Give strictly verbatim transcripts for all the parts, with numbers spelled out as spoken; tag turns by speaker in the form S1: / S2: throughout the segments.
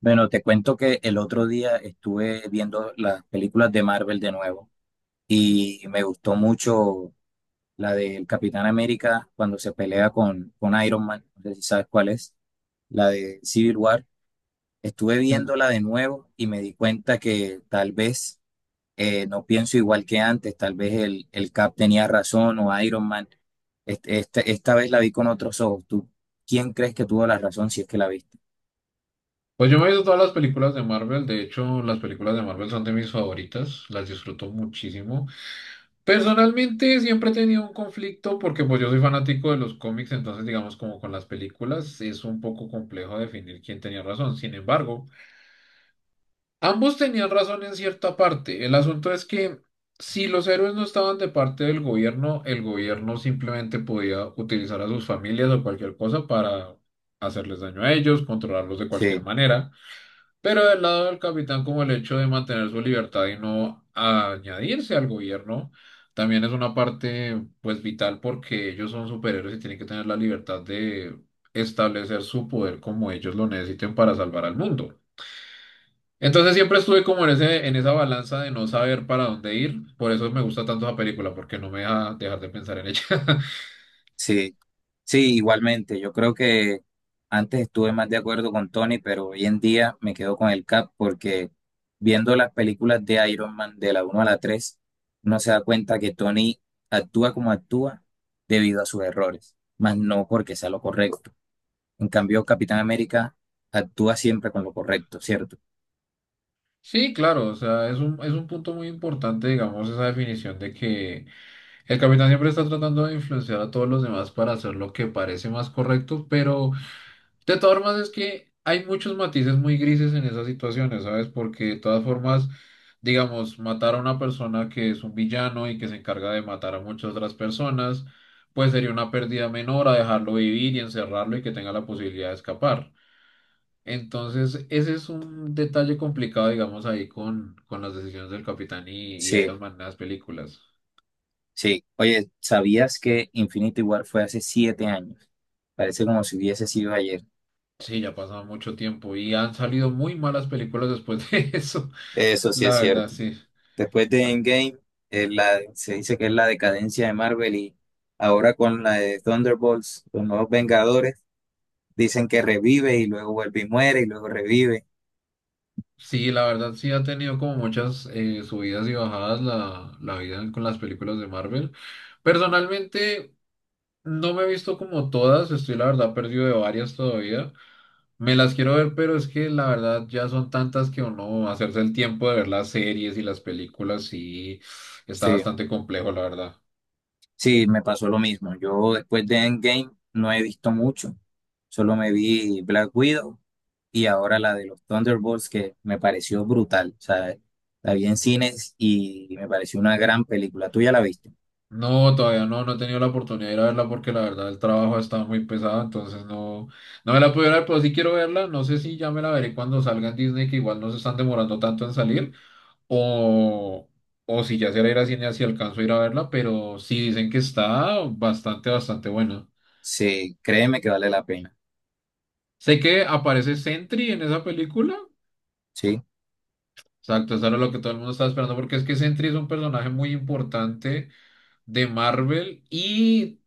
S1: Bueno, te cuento que el otro día estuve viendo las películas de Marvel de nuevo y me gustó mucho la del Capitán América cuando se pelea con, con Iron Man, no sé si sabes cuál es, la de Civil War. Estuve
S2: Mm.
S1: viéndola de nuevo y me di cuenta que tal vez eh, no pienso igual que antes, tal vez el, el Cap tenía razón o Iron Man. Este- este- esta vez la vi con otros ojos. ¿Tú quién crees que tuvo la razón si es que la viste?
S2: Pues yo me he visto todas las películas de Marvel. De hecho, las películas de Marvel son de mis favoritas, las disfruto muchísimo. Personalmente siempre he tenido un conflicto porque pues yo soy fanático de los cómics. Entonces, digamos, como con las películas es un poco complejo definir quién tenía razón. Sin embargo, ambos tenían razón en cierta parte. El asunto es que si los héroes no estaban de parte del gobierno, el gobierno simplemente podía utilizar a sus familias o cualquier cosa para hacerles daño a ellos, controlarlos de
S1: Sí,
S2: cualquier manera. Pero del lado del capitán, como el hecho de mantener su libertad y no añadirse al gobierno, también es una parte pues vital, porque ellos son superhéroes y tienen que tener la libertad de establecer su poder como ellos lo necesiten para salvar al mundo. Entonces siempre estuve como en ese, en esa balanza de no saber para dónde ir. Por eso me gusta tanto esa película, porque no me deja dejar de pensar en ella.
S1: sí. Sí, igualmente. Yo creo que antes estuve más de acuerdo con Tony, pero hoy en día me quedo con el Cap porque viendo las películas de Iron Man de la uno a la tres, uno se da cuenta que Tony actúa como actúa debido a sus errores, más no porque sea lo correcto. En cambio, Capitán América actúa siempre con lo correcto, ¿cierto?
S2: Sí, claro, o sea, es un, es un punto muy importante, digamos, esa definición de que el capitán siempre está tratando de influenciar a todos los demás para hacer lo que parece más correcto. Pero de todas formas es que hay muchos matices muy grises en esas situaciones, ¿sabes? Porque de todas formas, digamos, matar a una persona que es un villano y que se encarga de matar a muchas otras personas, pues sería una pérdida menor a dejarlo vivir y encerrarlo y que tenga la posibilidad de escapar. Entonces, ese es un detalle complicado, digamos, ahí con, con las decisiones del capitán y, y
S1: Sí,
S2: Iron Man en las películas.
S1: sí. Oye, ¿sabías que Infinity War fue hace siete años? Parece como si hubiese sido ayer.
S2: Sí, ya ha pasado mucho tiempo y han salido muy malas películas después de eso.
S1: Eso sí
S2: La
S1: es
S2: verdad,
S1: cierto.
S2: sí.
S1: Después de
S2: Ah,
S1: Endgame, eh, la- se dice que es la decadencia de Marvel y ahora con la de Thunderbolts, los nuevos Vengadores, dicen que revive y luego vuelve y muere y luego revive.
S2: sí, la verdad, sí ha tenido como muchas eh, subidas y bajadas la, la vida con las películas de Marvel. Personalmente, no me he visto como todas, estoy la verdad perdido de varias todavía. Me las quiero ver, pero es que la verdad ya son tantas que uno hacerse el tiempo de ver las series y las películas, sí, está
S1: Sí,
S2: bastante complejo, la verdad.
S1: sí, me pasó lo mismo. Yo después de Endgame no he visto mucho. Solo me vi Black Widow y ahora la de los Thunderbolts que me pareció brutal. O sea, la vi en cines y me pareció una gran película. ¿Tú ya la viste?
S2: No, todavía no, no he tenido la oportunidad de ir a verla porque la verdad el trabajo ha estado muy pesado, entonces no, no me la pude ver, pero sí quiero verla. No sé si ya me la veré cuando salga en Disney, que igual no se están demorando tanto en salir, o, o si ya será ir a cine, si alcanzo a ir a verla, pero sí dicen que está bastante, bastante buena.
S1: Sí, créeme que vale la pena.
S2: Sé que aparece Sentry en esa película,
S1: Sí.
S2: exacto, eso era lo que todo el mundo estaba esperando, porque es que Sentry es un personaje muy importante de Marvel y...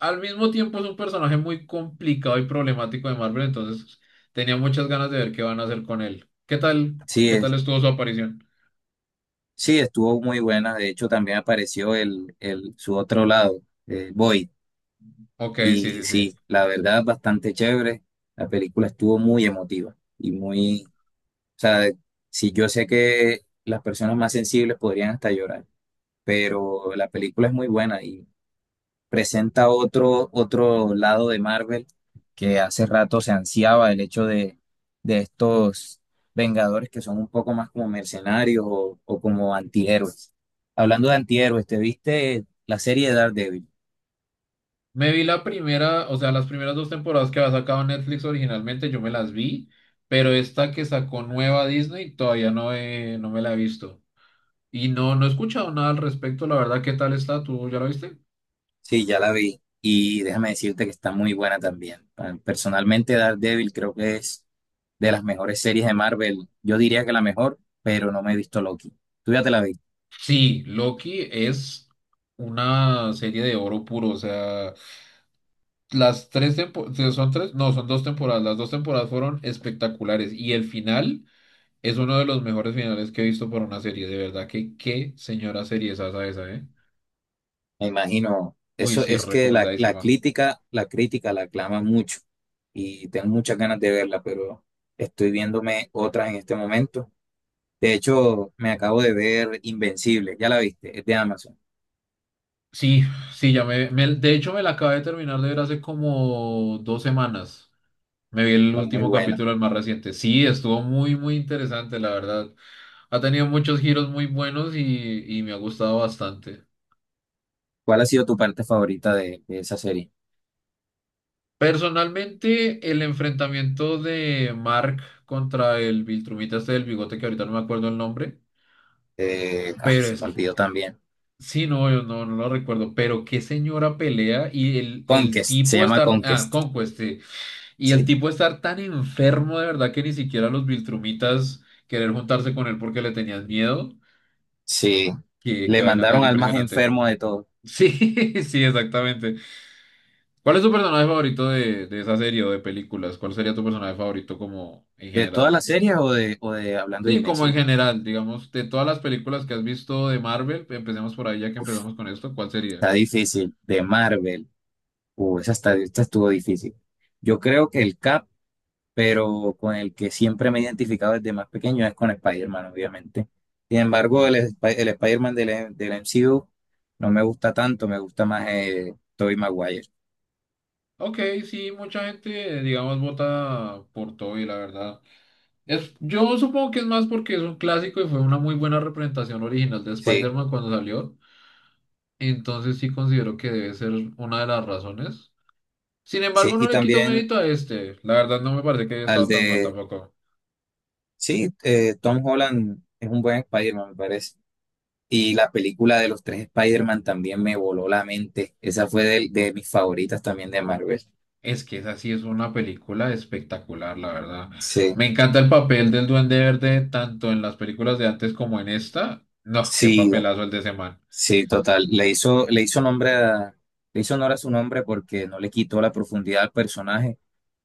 S2: al mismo tiempo es un personaje muy complicado y problemático de Marvel. Entonces tenía muchas ganas de ver qué van a hacer con él. ¿Qué tal?
S1: Sí,
S2: ¿Qué tal
S1: es.
S2: estuvo su aparición?
S1: Sí, estuvo muy buena. De hecho, también apareció el, el, su otro lado, eh, Boyd.
S2: Ok, sí,
S1: Y
S2: sí, sí.
S1: sí, la verdad, bastante chévere. La película estuvo muy emotiva y muy, o sea, de- sí, yo sé que las personas más sensibles podrían hasta llorar, pero la película es muy buena, presenta otro, otro lado de Marvel que hace rato se ansiaba el hecho de, de estos Vengadores que son un poco más como mercenarios o, o como antihéroes. Hablando de antihéroes, ¿te viste la serie de Daredevil?
S2: Me vi la primera, o sea, las primeras dos temporadas que había sacado Netflix originalmente, yo me las vi, pero esta que sacó nueva Disney todavía no, he- no me la he visto. Y no, no he escuchado nada al respecto, la verdad. ¿Qué tal está? ¿Tú ya la viste?
S1: Sí, ya la vi y déjame decirte que está muy buena también. Personalmente, Daredevil creo que es de las mejores series de Marvel. Yo diría que la mejor, pero no me he visto Loki. ¿Tú ya te la viste?
S2: Sí, Loki es una serie de oro puro, o sea... Las tres temporadas, son tres, no, son dos temporadas. Las dos temporadas fueron espectaculares y el final es uno de los mejores finales que he visto por una serie. De verdad que qué señora serie es esa, esa, ¿eh?
S1: Me imagino,
S2: Uy,
S1: eso
S2: sí,
S1: es que la, la
S2: recomendadísima.
S1: crítica, la crítica la aclama mucho y tengo muchas ganas de verla, pero estoy viéndome otra en este momento. De hecho, me acabo de ver Invencible, ya la viste, es de Amazon,
S2: Sí, sí, ya me, me- de hecho me la acabé de terminar de ver hace como dos semanas. Me vi el
S1: fue muy
S2: último
S1: buena.
S2: capítulo, el más reciente. Sí, estuvo muy, muy interesante, la verdad. Ha tenido muchos giros muy buenos y, y me ha gustado bastante.
S1: ¿Cuál ha sido tu parte favorita de, de esa serie?
S2: Personalmente, el enfrentamiento de Mark contra el Viltrumita este del bigote, que ahorita no me acuerdo el nombre,
S1: Eh, ah,
S2: pero
S1: se
S2: es
S1: me
S2: que,
S1: olvidó también.
S2: sí, no, yo no, no lo recuerdo, pero qué señora pelea y el, el
S1: Conquest, se
S2: tipo
S1: llama
S2: estar, ah,
S1: Conquest.
S2: Conquest, sí, y el
S1: Sí,
S2: tipo estar tan enfermo de verdad que ni siquiera los Viltrumitas querer juntarse con él porque le tenían miedo,
S1: sí.
S2: que qué
S1: Le
S2: qué vaina
S1: mandaron
S2: tan
S1: al más
S2: impresionante.
S1: enfermo de todo,
S2: Sí, sí, exactamente. ¿Cuál es tu personaje favorito de, de esa serie o de películas? ¿Cuál sería tu personaje favorito como en
S1: de todas
S2: general?
S1: las series o de, o de hablando de
S2: Sí, como en
S1: Invencible.
S2: general, digamos, de todas las películas que has visto de Marvel, empecemos por ahí. Ya que empezamos con esto, ¿cuál sería?
S1: Está difícil, de Marvel. Uh, esa, está- esta estuvo difícil. Yo creo que el Cap, pero con el que siempre me he identificado desde más pequeño es con Spider-Man, obviamente. Sin embargo, el,
S2: No.
S1: Sp- el Spider-Man del, del M C U no me gusta tanto, me gusta más eh, Tobey Maguire.
S2: Ok, sí, mucha gente, eh, digamos, vota por Toby, la verdad. Es, yo supongo que es más porque es un clásico y fue una muy buena representación original de
S1: Sí,
S2: Spider-Man cuando salió. Entonces sí considero que debe ser una de las razones. Sin
S1: sí,
S2: embargo,
S1: y
S2: no le quito
S1: también
S2: mérito a este. La verdad no me parece que haya
S1: al
S2: estado tan mal
S1: de,
S2: tampoco.
S1: sí, eh, Tom Holland es un buen Spider-Man, me parece. Y la película de los tres Spider-Man también me voló la mente. Esa fue de, de mis favoritas también de Marvel.
S2: Es que esa sí es una película espectacular, la verdad.
S1: Sí,
S2: Me encanta el papel del Duende Verde, tanto en las películas de antes como en esta. No, qué
S1: sí.
S2: papelazo el de ese man.
S1: Sí, total. Le hizo, le hizo nombre a- le hizo honor a su nombre porque no le quitó la profundidad al personaje,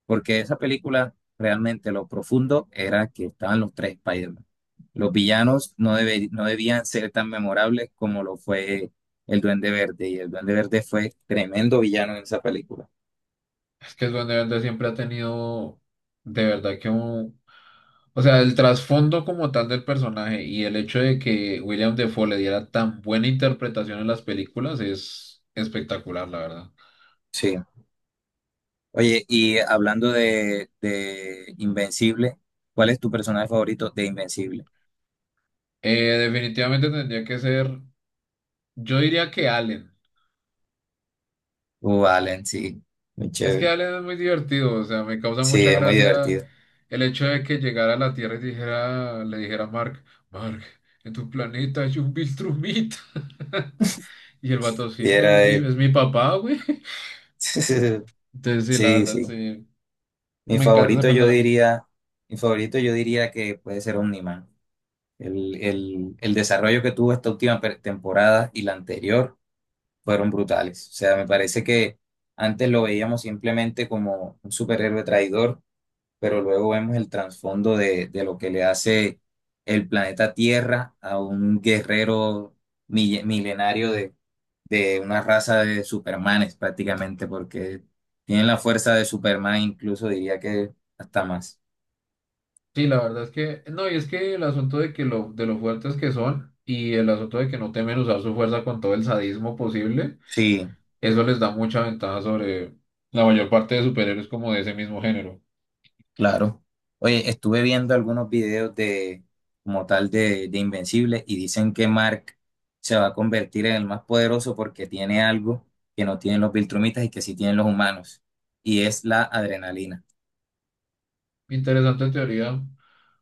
S1: porque esa película realmente lo profundo era que estaban los tres Spider-Man. Los villanos no, debe- no debían ser tan memorables como lo fue el Duende Verde, y el Duende Verde fue tremendo villano en esa película.
S2: Es que el Duende Verde siempre ha tenido, de verdad que un... O sea, el trasfondo como tal del personaje y el hecho de que William Defoe le diera tan buena interpretación en las películas es espectacular, la verdad.
S1: Sí. Oye, y hablando de, de Invencible, ¿cuál es tu personaje favorito de Invencible?
S2: Eh, definitivamente tendría que ser, yo diría que Allen.
S1: Uh, Allen, sí, muy
S2: Es que
S1: chévere.
S2: Alien es muy divertido, o sea, me causa
S1: Sí,
S2: mucha
S1: es muy
S2: gracia
S1: divertido.
S2: el hecho de que llegara a la Tierra y dijera, le dijera a Mark, Mark, en tu planeta hay un Viltrumita. Y el vato, sí,
S1: Y
S2: pues
S1: era
S2: es mi,
S1: él.
S2: es mi papá, güey. Entonces, sí, la
S1: Sí,
S2: verdad,
S1: sí.
S2: sí,
S1: Mi
S2: me encanta ese
S1: favorito yo
S2: personaje.
S1: diría, mi favorito yo diría que puede ser Omniman. El, el, el desarrollo que tuvo esta última per- temporada y la anterior fueron brutales. O sea, me parece que antes lo veíamos simplemente como un superhéroe traidor, pero luego vemos el trasfondo de, de lo que le hace el planeta Tierra a un guerrero mille- milenario de, de una raza de Supermanes prácticamente, porque tienen la fuerza de Superman, incluso diría que hasta más.
S2: Sí, la verdad es que, no, y es que el asunto de que lo, de lo fuertes que son y el asunto de que no temen usar su fuerza con todo el sadismo posible,
S1: Sí.
S2: eso les da mucha ventaja sobre la mayor parte de superhéroes como de ese mismo género.
S1: Claro. Oye, estuve viendo algunos videos de, como tal, de, de Invencible y dicen que Mark se va a convertir en el más poderoso porque tiene algo que no tienen los Viltrumitas y que sí tienen los humanos. Y es la adrenalina.
S2: Interesante teoría.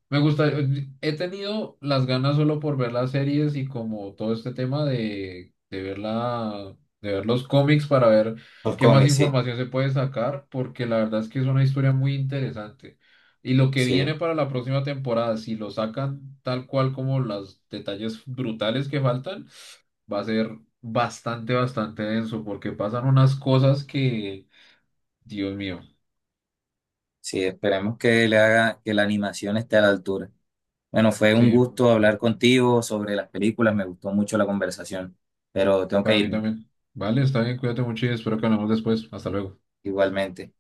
S2: Me gusta, eh, he tenido las ganas solo por ver las series y como todo este tema de, de ver la, de ver los cómics para ver
S1: Los
S2: qué más
S1: cómics, sí.
S2: información se puede sacar, porque la verdad es que es una historia muy interesante. Y lo que viene
S1: Sí,
S2: para la próxima temporada, si lo sacan tal cual como los detalles brutales que faltan, va a ser bastante, bastante denso, porque pasan unas cosas que, Dios mío,
S1: sí, esperemos que le haga, que la animación esté a la altura. Bueno, fue un
S2: sí,
S1: gusto hablar
S2: bueno,
S1: contigo sobre las películas, me gustó mucho la conversación, pero tengo que
S2: para mí
S1: irme.
S2: también. Vale, está bien, cuídate mucho y espero que hablemos después. Hasta luego.
S1: Igualmente.